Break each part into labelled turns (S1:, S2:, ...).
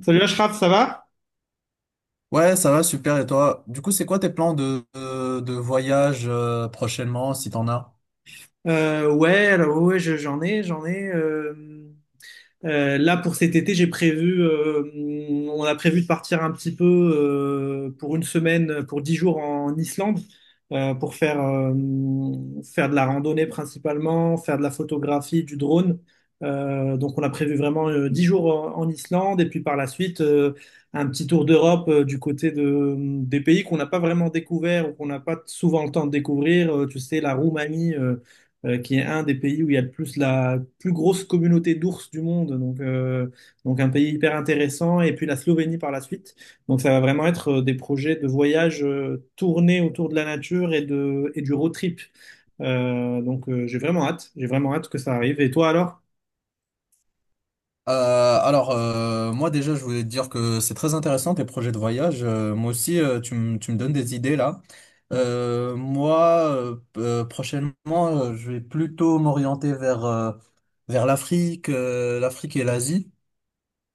S1: Salut Ashraf, ça va?
S2: Ouais, ça va, super. Et toi? Du coup, c'est quoi tes plans de voyage, prochainement, si t'en as?
S1: Ouais, alors ouais, j'en ai, j'en ai. Là, pour cet été, on a prévu de partir un petit peu pour une semaine, pour 10 jours en Islande, euh, pour faire, euh, faire de la randonnée principalement, faire de la photographie, du drone. Donc, on a prévu vraiment 10 jours en Islande et puis par la suite, un petit tour d'Europe du côté des pays qu'on n'a pas vraiment découvert ou qu'on n'a pas souvent le temps de découvrir. Tu sais, la Roumanie, qui est un des pays où il y a le plus la plus grosse communauté d'ours du monde, donc un pays hyper intéressant, et puis la Slovénie par la suite. Donc ça va vraiment être des projets de voyage tournés autour de la nature et du road trip. J'ai vraiment hâte, j'ai vraiment hâte que ça arrive. Et toi alors?
S2: Moi déjà, je voulais te dire que c'est très intéressant tes projets de voyage. Moi aussi, tu me donnes des idées là. Prochainement, je vais plutôt m'orienter vers, vers l'Afrique, l'Afrique et l'Asie.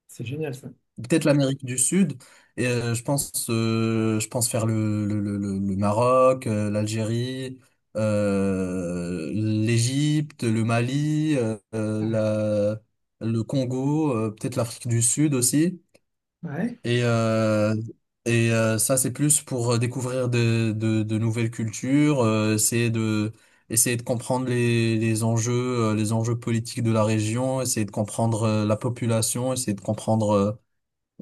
S1: C'est génial ça.
S2: Peut-être l'Amérique du Sud. Je pense, je pense faire le Maroc, l'Algérie, l'Égypte, le Mali,
S1: Ouais,
S2: le Congo, peut-être l'Afrique du Sud aussi.
S1: ouais,
S2: Et, euh, Ça, c'est plus pour découvrir de nouvelles cultures, essayer de comprendre les enjeux politiques de la région, essayer de comprendre la population, essayer de comprendre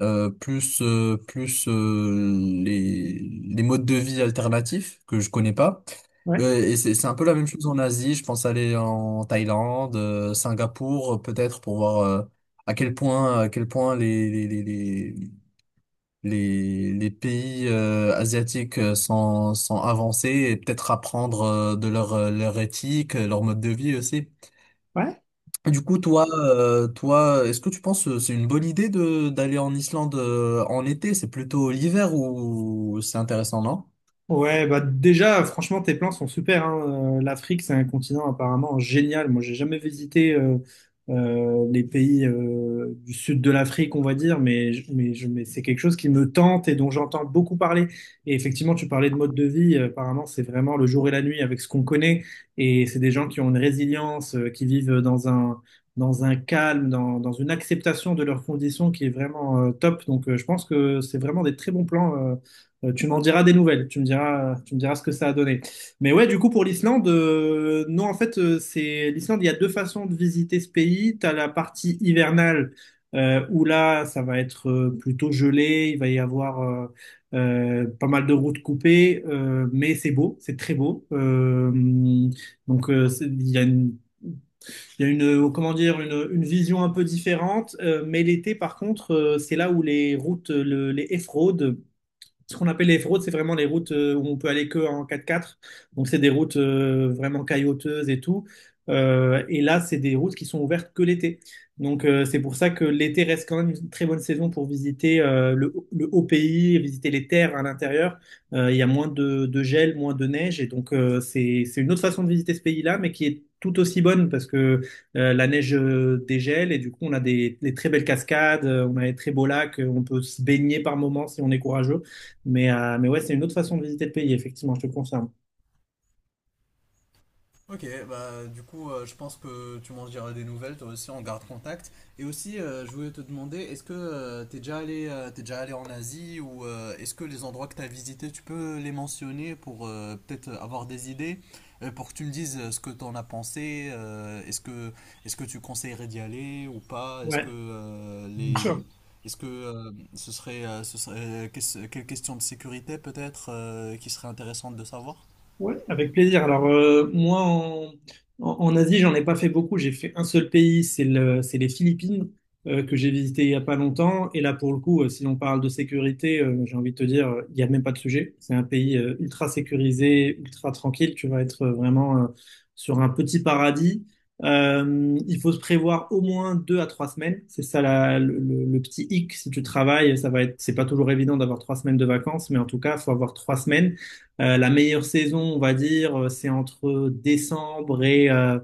S2: euh, plus euh, plus euh, les, les modes de vie alternatifs que je connais pas.
S1: ouais.
S2: Et c'est un peu la même chose en Asie. Je pense aller en Thaïlande, Singapour, peut-être pour voir, à quel point les pays asiatiques sont avancés et peut-être apprendre de leur leur éthique, leur mode de vie aussi.
S1: ouais.
S2: Du coup, toi, est-ce que tu penses que c'est une bonne idée de d'aller en Islande, en été? C'est plutôt l'hiver ou c'est intéressant, non?
S1: Ouais, bah déjà, franchement, tes plans sont super, hein. L'Afrique, c'est un continent apparemment génial. Moi, j'ai jamais visité les pays du sud de l'Afrique, on va dire, mais c'est quelque chose qui me tente et dont j'entends beaucoup parler. Et effectivement, tu parlais de mode de vie. Apparemment, c'est vraiment le jour et la nuit avec ce qu'on connaît. Et c'est des gens qui ont une résilience, qui vivent dans un calme, dans une acceptation de leurs conditions qui est vraiment top. Je pense que c'est vraiment des très bons plans. Tu m'en diras des nouvelles, tu me diras ce que ça a donné. Mais ouais, du coup, pour l'Islande, non, en fait, c'est l'Islande, il y a deux façons de visiter ce pays. Tu as la partie hivernale, où là, ça va être plutôt gelé, il va y avoir pas mal de routes coupées, mais c'est beau, c'est très beau. Il y a il y a une, comment dire, une vision un peu différente. Mais l'été, par contre, c'est là où les routes, le- les off ce qu'on appelle les routes, c'est vraiment les routes où on peut aller que en 4x4. Donc, c'est des routes vraiment caillouteuses et tout. Et là, c'est des routes qui sont ouvertes que l'été. C'est pour ça que l'été reste quand même une très bonne saison pour visiter le haut pays, visiter les terres à l'intérieur. Il y a moins de gel, moins de neige. Et donc, c'est une autre façon de visiter ce pays-là, mais qui est tout aussi bonne parce que la neige dégèle et du coup, on a des très belles cascades, on a des très beaux lacs, on peut se baigner par moments si on est courageux. Mais ouais, c'est une autre façon de visiter le pays, effectivement, je te confirme.
S2: Ok, bah du coup, je pense que tu m'en diras des nouvelles, toi aussi, on garde contact. Et aussi, je voulais te demander, est-ce que tu t'es déjà allé en Asie, ou est-ce que les endroits que t'as visités, tu peux les mentionner pour peut-être avoir des idées, pour que tu me dises ce que t'en as pensé, est-ce que tu conseillerais d'y aller ou pas, est-ce
S1: Ouais,
S2: que
S1: bien
S2: les,
S1: sûr.
S2: est-ce que ce serait, qu'est-ce- quelle question de sécurité peut-être qui serait intéressante de savoir?
S1: Ouais, avec plaisir. Alors, moi, en Asie, j'en ai pas fait beaucoup. J'ai fait un seul pays, c'est les Philippines, que j'ai visité il y a pas longtemps. Et là, pour le coup, si on parle de sécurité, j'ai envie de te dire, il n'y a même pas de sujet. C'est un pays ultra sécurisé, ultra tranquille. Tu vas être vraiment sur un petit paradis. Il faut se prévoir au moins 2 à 3 semaines. C'est ça le petit hic. Si tu travailles, c'est pas toujours évident d'avoir 3 semaines de vacances, mais en tout cas, faut avoir 3 semaines. La meilleure saison, on va dire, c'est entre décembre et, euh,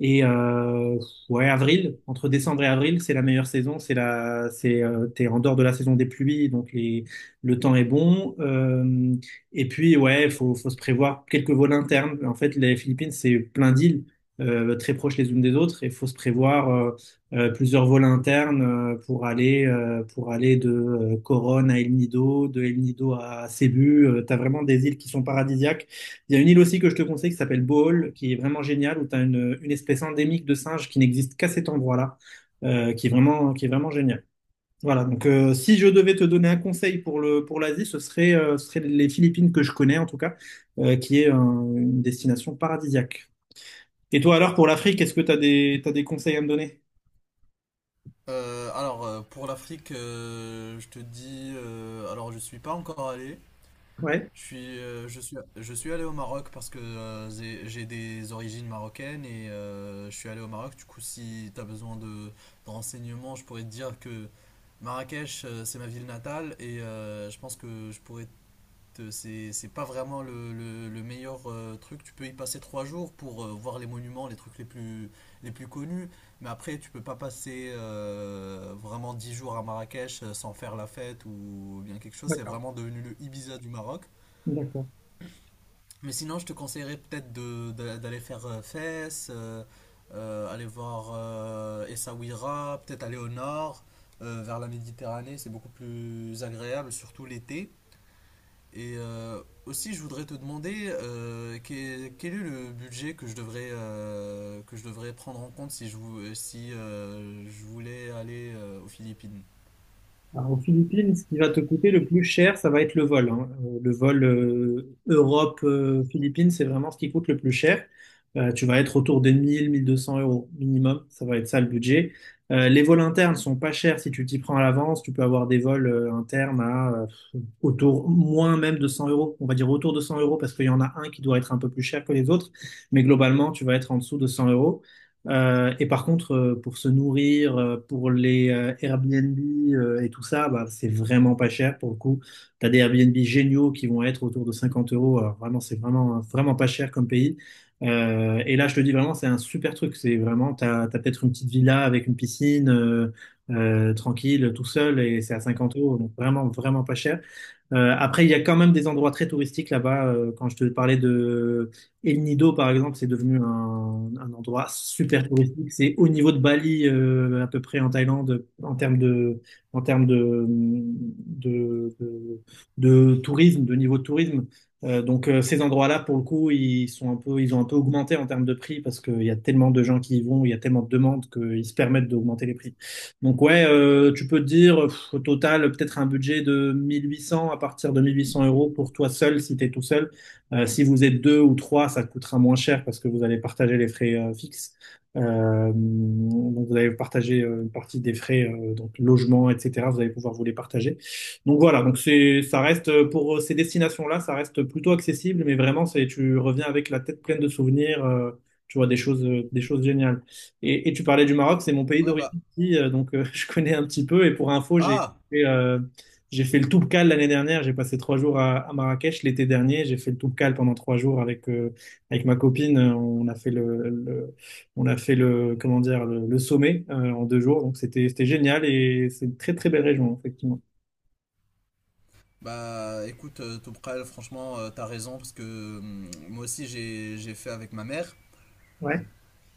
S1: et euh, ouais, avril. Entre décembre et avril, c'est la meilleure saison. T'es en dehors de la saison des pluies, donc le temps est bon. Et puis, ouais, faut se prévoir quelques vols internes. En fait, les Philippines, c'est plein d'îles, très proches les unes des autres, et faut se prévoir plusieurs vols internes pour aller de Coronne à El Nido, de El Nido à Cebu. T'as vraiment des îles qui sont paradisiaques. Il y a une île aussi que je te conseille qui s'appelle Bohol, qui est vraiment géniale, où t'as une espèce endémique de singe qui n'existe qu'à cet endroit-là, qui est vraiment génial. Voilà, si je devais te donner un conseil pour le pour l'Asie, ce serait les Philippines que je connais en tout cas, qui est une destination paradisiaque. Et toi alors pour l'Afrique, est-ce que t'as des conseils à me donner?
S2: Pour l'Afrique, je te dis, alors je suis pas encore allé.
S1: Ouais.
S2: Je suis allé au Maroc parce que j'ai des origines marocaines et je suis allé au Maroc. Du coup, si tu as besoin de renseignements, je pourrais te dire que Marrakech, c'est ma ville natale et je pense que je pourrais, c'est pas vraiment le meilleur truc. Tu peux y passer trois jours pour voir les monuments, les plus connus, mais après tu peux pas passer vraiment dix jours à Marrakech sans faire la fête ou bien quelque chose. C'est
S1: D'accord.
S2: vraiment devenu le Ibiza du Maroc.
S1: D'accord.
S2: Mais sinon, je te conseillerais peut-être d'aller faire, Fès, aller voir Essaouira, peut-être aller au nord, vers la Méditerranée, c'est beaucoup plus agréable, surtout l'été. Aussi, je voudrais te demander, quel, quel est le budget que je devrais prendre en compte si je, vou- si, je voulais aller aux Philippines.
S1: Alors, aux Philippines, ce qui va te coûter le plus cher, ça va être le vol, hein. Le vol Europe-Philippines, c'est vraiment ce qui coûte le plus cher. Tu vas être autour des 200 € minimum. Ça va être ça le budget. Les vols internes sont pas chers si tu t'y prends à l'avance. Tu peux avoir des vols internes à autour, moins même de 100 euros. On va dire autour de 100 € parce qu'il y en a un qui doit être un peu plus cher que les autres. Mais globalement, tu vas être en dessous de 100 euros. Et par contre, pour se nourrir, pour les Airbnb et tout ça, bah, c'est vraiment pas cher pour le coup. Tu as des Airbnb géniaux qui vont être autour de 50 euros. Alors vraiment, c'est vraiment, vraiment pas cher comme pays. Et là, je te dis vraiment, c'est un super truc. C'est vraiment, tu as, peut-être une petite villa avec une piscine tranquille, tout seul, et c'est à 50 euros. Donc vraiment, vraiment pas cher. Après, il y a quand même des endroits très touristiques là-bas. Quand je te parlais de El Nido, par exemple, c'est devenu un endroit super touristique. C'est au niveau de Bali, à peu près en Thaïlande, en termes en termes de, de, de, de tourisme, de niveau de tourisme. Ces endroits-là, pour le coup, ils ont un peu augmenté en termes de prix parce qu'il y a tellement de gens qui y vont, il y a tellement de demandes qu'ils se permettent d'augmenter les prix. Donc ouais, tu peux te dire pff, au total peut-être un budget de 1800, à partir de 1 800 € pour toi seul si tu es tout seul. Si vous êtes deux ou trois, ça te coûtera moins cher parce que vous allez partager les frais fixes. Donc vous allez partager une partie des frais, donc logement, etc. Vous allez pouvoir vous les partager. Donc voilà, ça reste pour ces destinations-là, ça reste plutôt accessible, mais tu reviens avec la tête pleine de souvenirs. Tu vois des choses géniales. Et tu parlais du Maroc, c'est mon pays
S2: Ouais, bah.
S1: d'origine partie, je connais un petit peu. Et pour info,
S2: Ah!
S1: fait, euh, j'ai fait le Toubkal l'année dernière. J'ai passé 3 jours à Marrakech l'été dernier. J'ai fait le Toubkal pendant 3 jours avec ma copine. On a fait comment dire, le sommet en 2 jours. Donc c'était génial et c'est une très très belle région, effectivement.
S2: Bah écoute, Topral, franchement, t'as raison, parce que moi aussi j'ai fait avec ma mère.
S1: Ouais.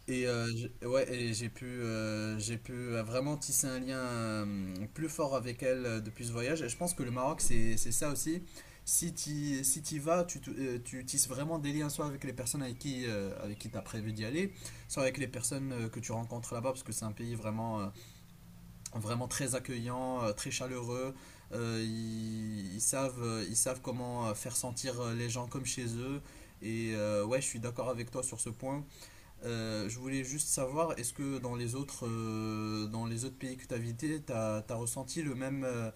S2: Ouais, et j'ai pu vraiment tisser un lien, plus fort avec elle depuis ce voyage. Et je pense que le Maroc, c'est ça aussi. Si t'y vas, tu tisses vraiment des liens, soit avec les personnes avec qui tu as prévu d'y aller, soit avec les personnes que tu rencontres là-bas, parce que c'est un pays vraiment, vraiment très accueillant, très chaleureux. Ils savent, ils savent comment faire sentir les gens comme chez eux. Ouais, je suis d'accord avec toi sur ce point. Je voulais juste savoir, est-ce que dans les autres pays que tu as visités, tu as ressenti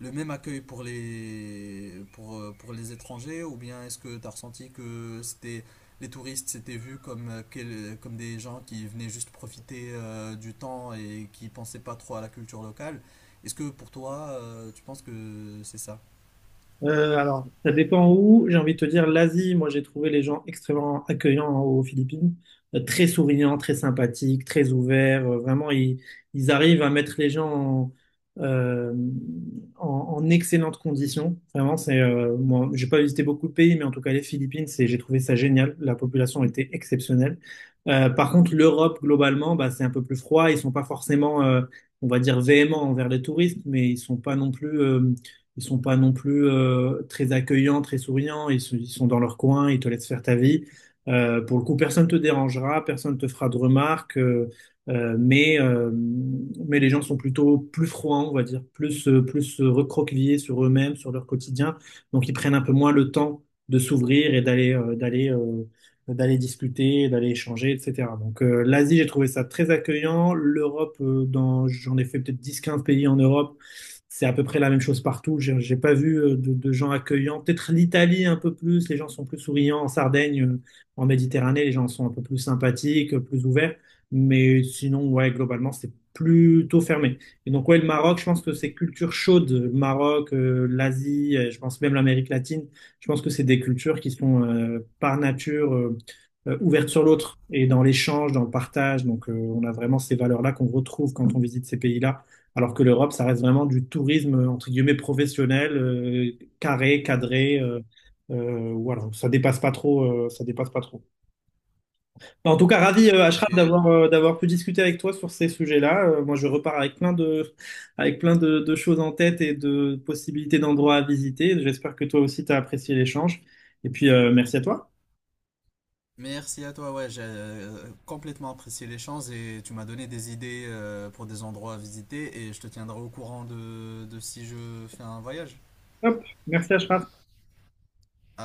S2: le même accueil pour pour les étrangers, ou bien est-ce que tu as ressenti les touristes s'étaient vus comme, comme des gens qui venaient juste profiter du temps et qui pensaient pas trop à la culture locale? Est-ce que pour toi, tu penses que c'est ça?
S1: Alors, ça dépend où. J'ai envie de te dire, l'Asie, moi j'ai trouvé les gens extrêmement accueillants aux Philippines. Très souriants, très sympathiques, très ouverts. Vraiment, ils arrivent à mettre les gens euh, en excellentes conditions. Vraiment, c'est Moi, j'ai pas visité beaucoup de pays, mais en tout cas les Philippines, j'ai trouvé ça génial. La population était exceptionnelle. Par contre, l'Europe globalement, bah, c'est un peu plus froid. Ils sont pas forcément, on va dire, véhéments envers les touristes, mais ils sont pas non plus très accueillants, très souriants, ils sont dans leur coin, ils te laissent faire ta vie. Pour le coup, personne te dérangera, personne te fera de remarques, mais les gens sont plutôt plus froids, on va dire, plus recroquevillés sur eux-mêmes, sur leur quotidien, donc ils prennent un peu moins le temps de s'ouvrir et d'aller discuter, d'aller échanger, etc. L'Asie, j'ai trouvé ça très accueillant. L'Europe, j'en ai fait peut-être 10-15 pays en Europe. C'est à peu près la même chose partout. J'ai pas vu de gens accueillants. Peut-être l'Italie un peu plus, les gens sont plus souriants. En Sardaigne, en Méditerranée, les gens sont un peu plus sympathiques, plus ouverts. Mais sinon, ouais, globalement, c'est plutôt fermé. Et donc, ouais, le Maroc, je pense que c'est culture chaude. Le Maroc, l'Asie, je pense même l'Amérique latine. Je pense que c'est des cultures qui sont par nature, ouvertes sur l'autre et dans l'échange, dans le partage. On a vraiment ces valeurs-là qu'on retrouve quand on visite ces pays-là alors que l'Europe, ça reste vraiment du tourisme, entre guillemets, professionnel, carré, cadré, voilà, ça dépasse pas trop, ça dépasse pas trop. En tout cas, ravi,
S2: Ok,
S1: Ashraf, d'avoir pu discuter avec toi sur ces sujets-là. Moi, je repars avec plein de choses en tête et de possibilités d'endroits à visiter. J'espère que toi aussi, tu as apprécié l'échange. Et puis, merci à toi.
S2: merci à toi, ouais, j'ai complètement apprécié l'échange et tu m'as donné des idées pour des endroits à visiter et je te tiendrai au courant de si je fais un voyage.
S1: Hop, merci, Ashraf.
S2: À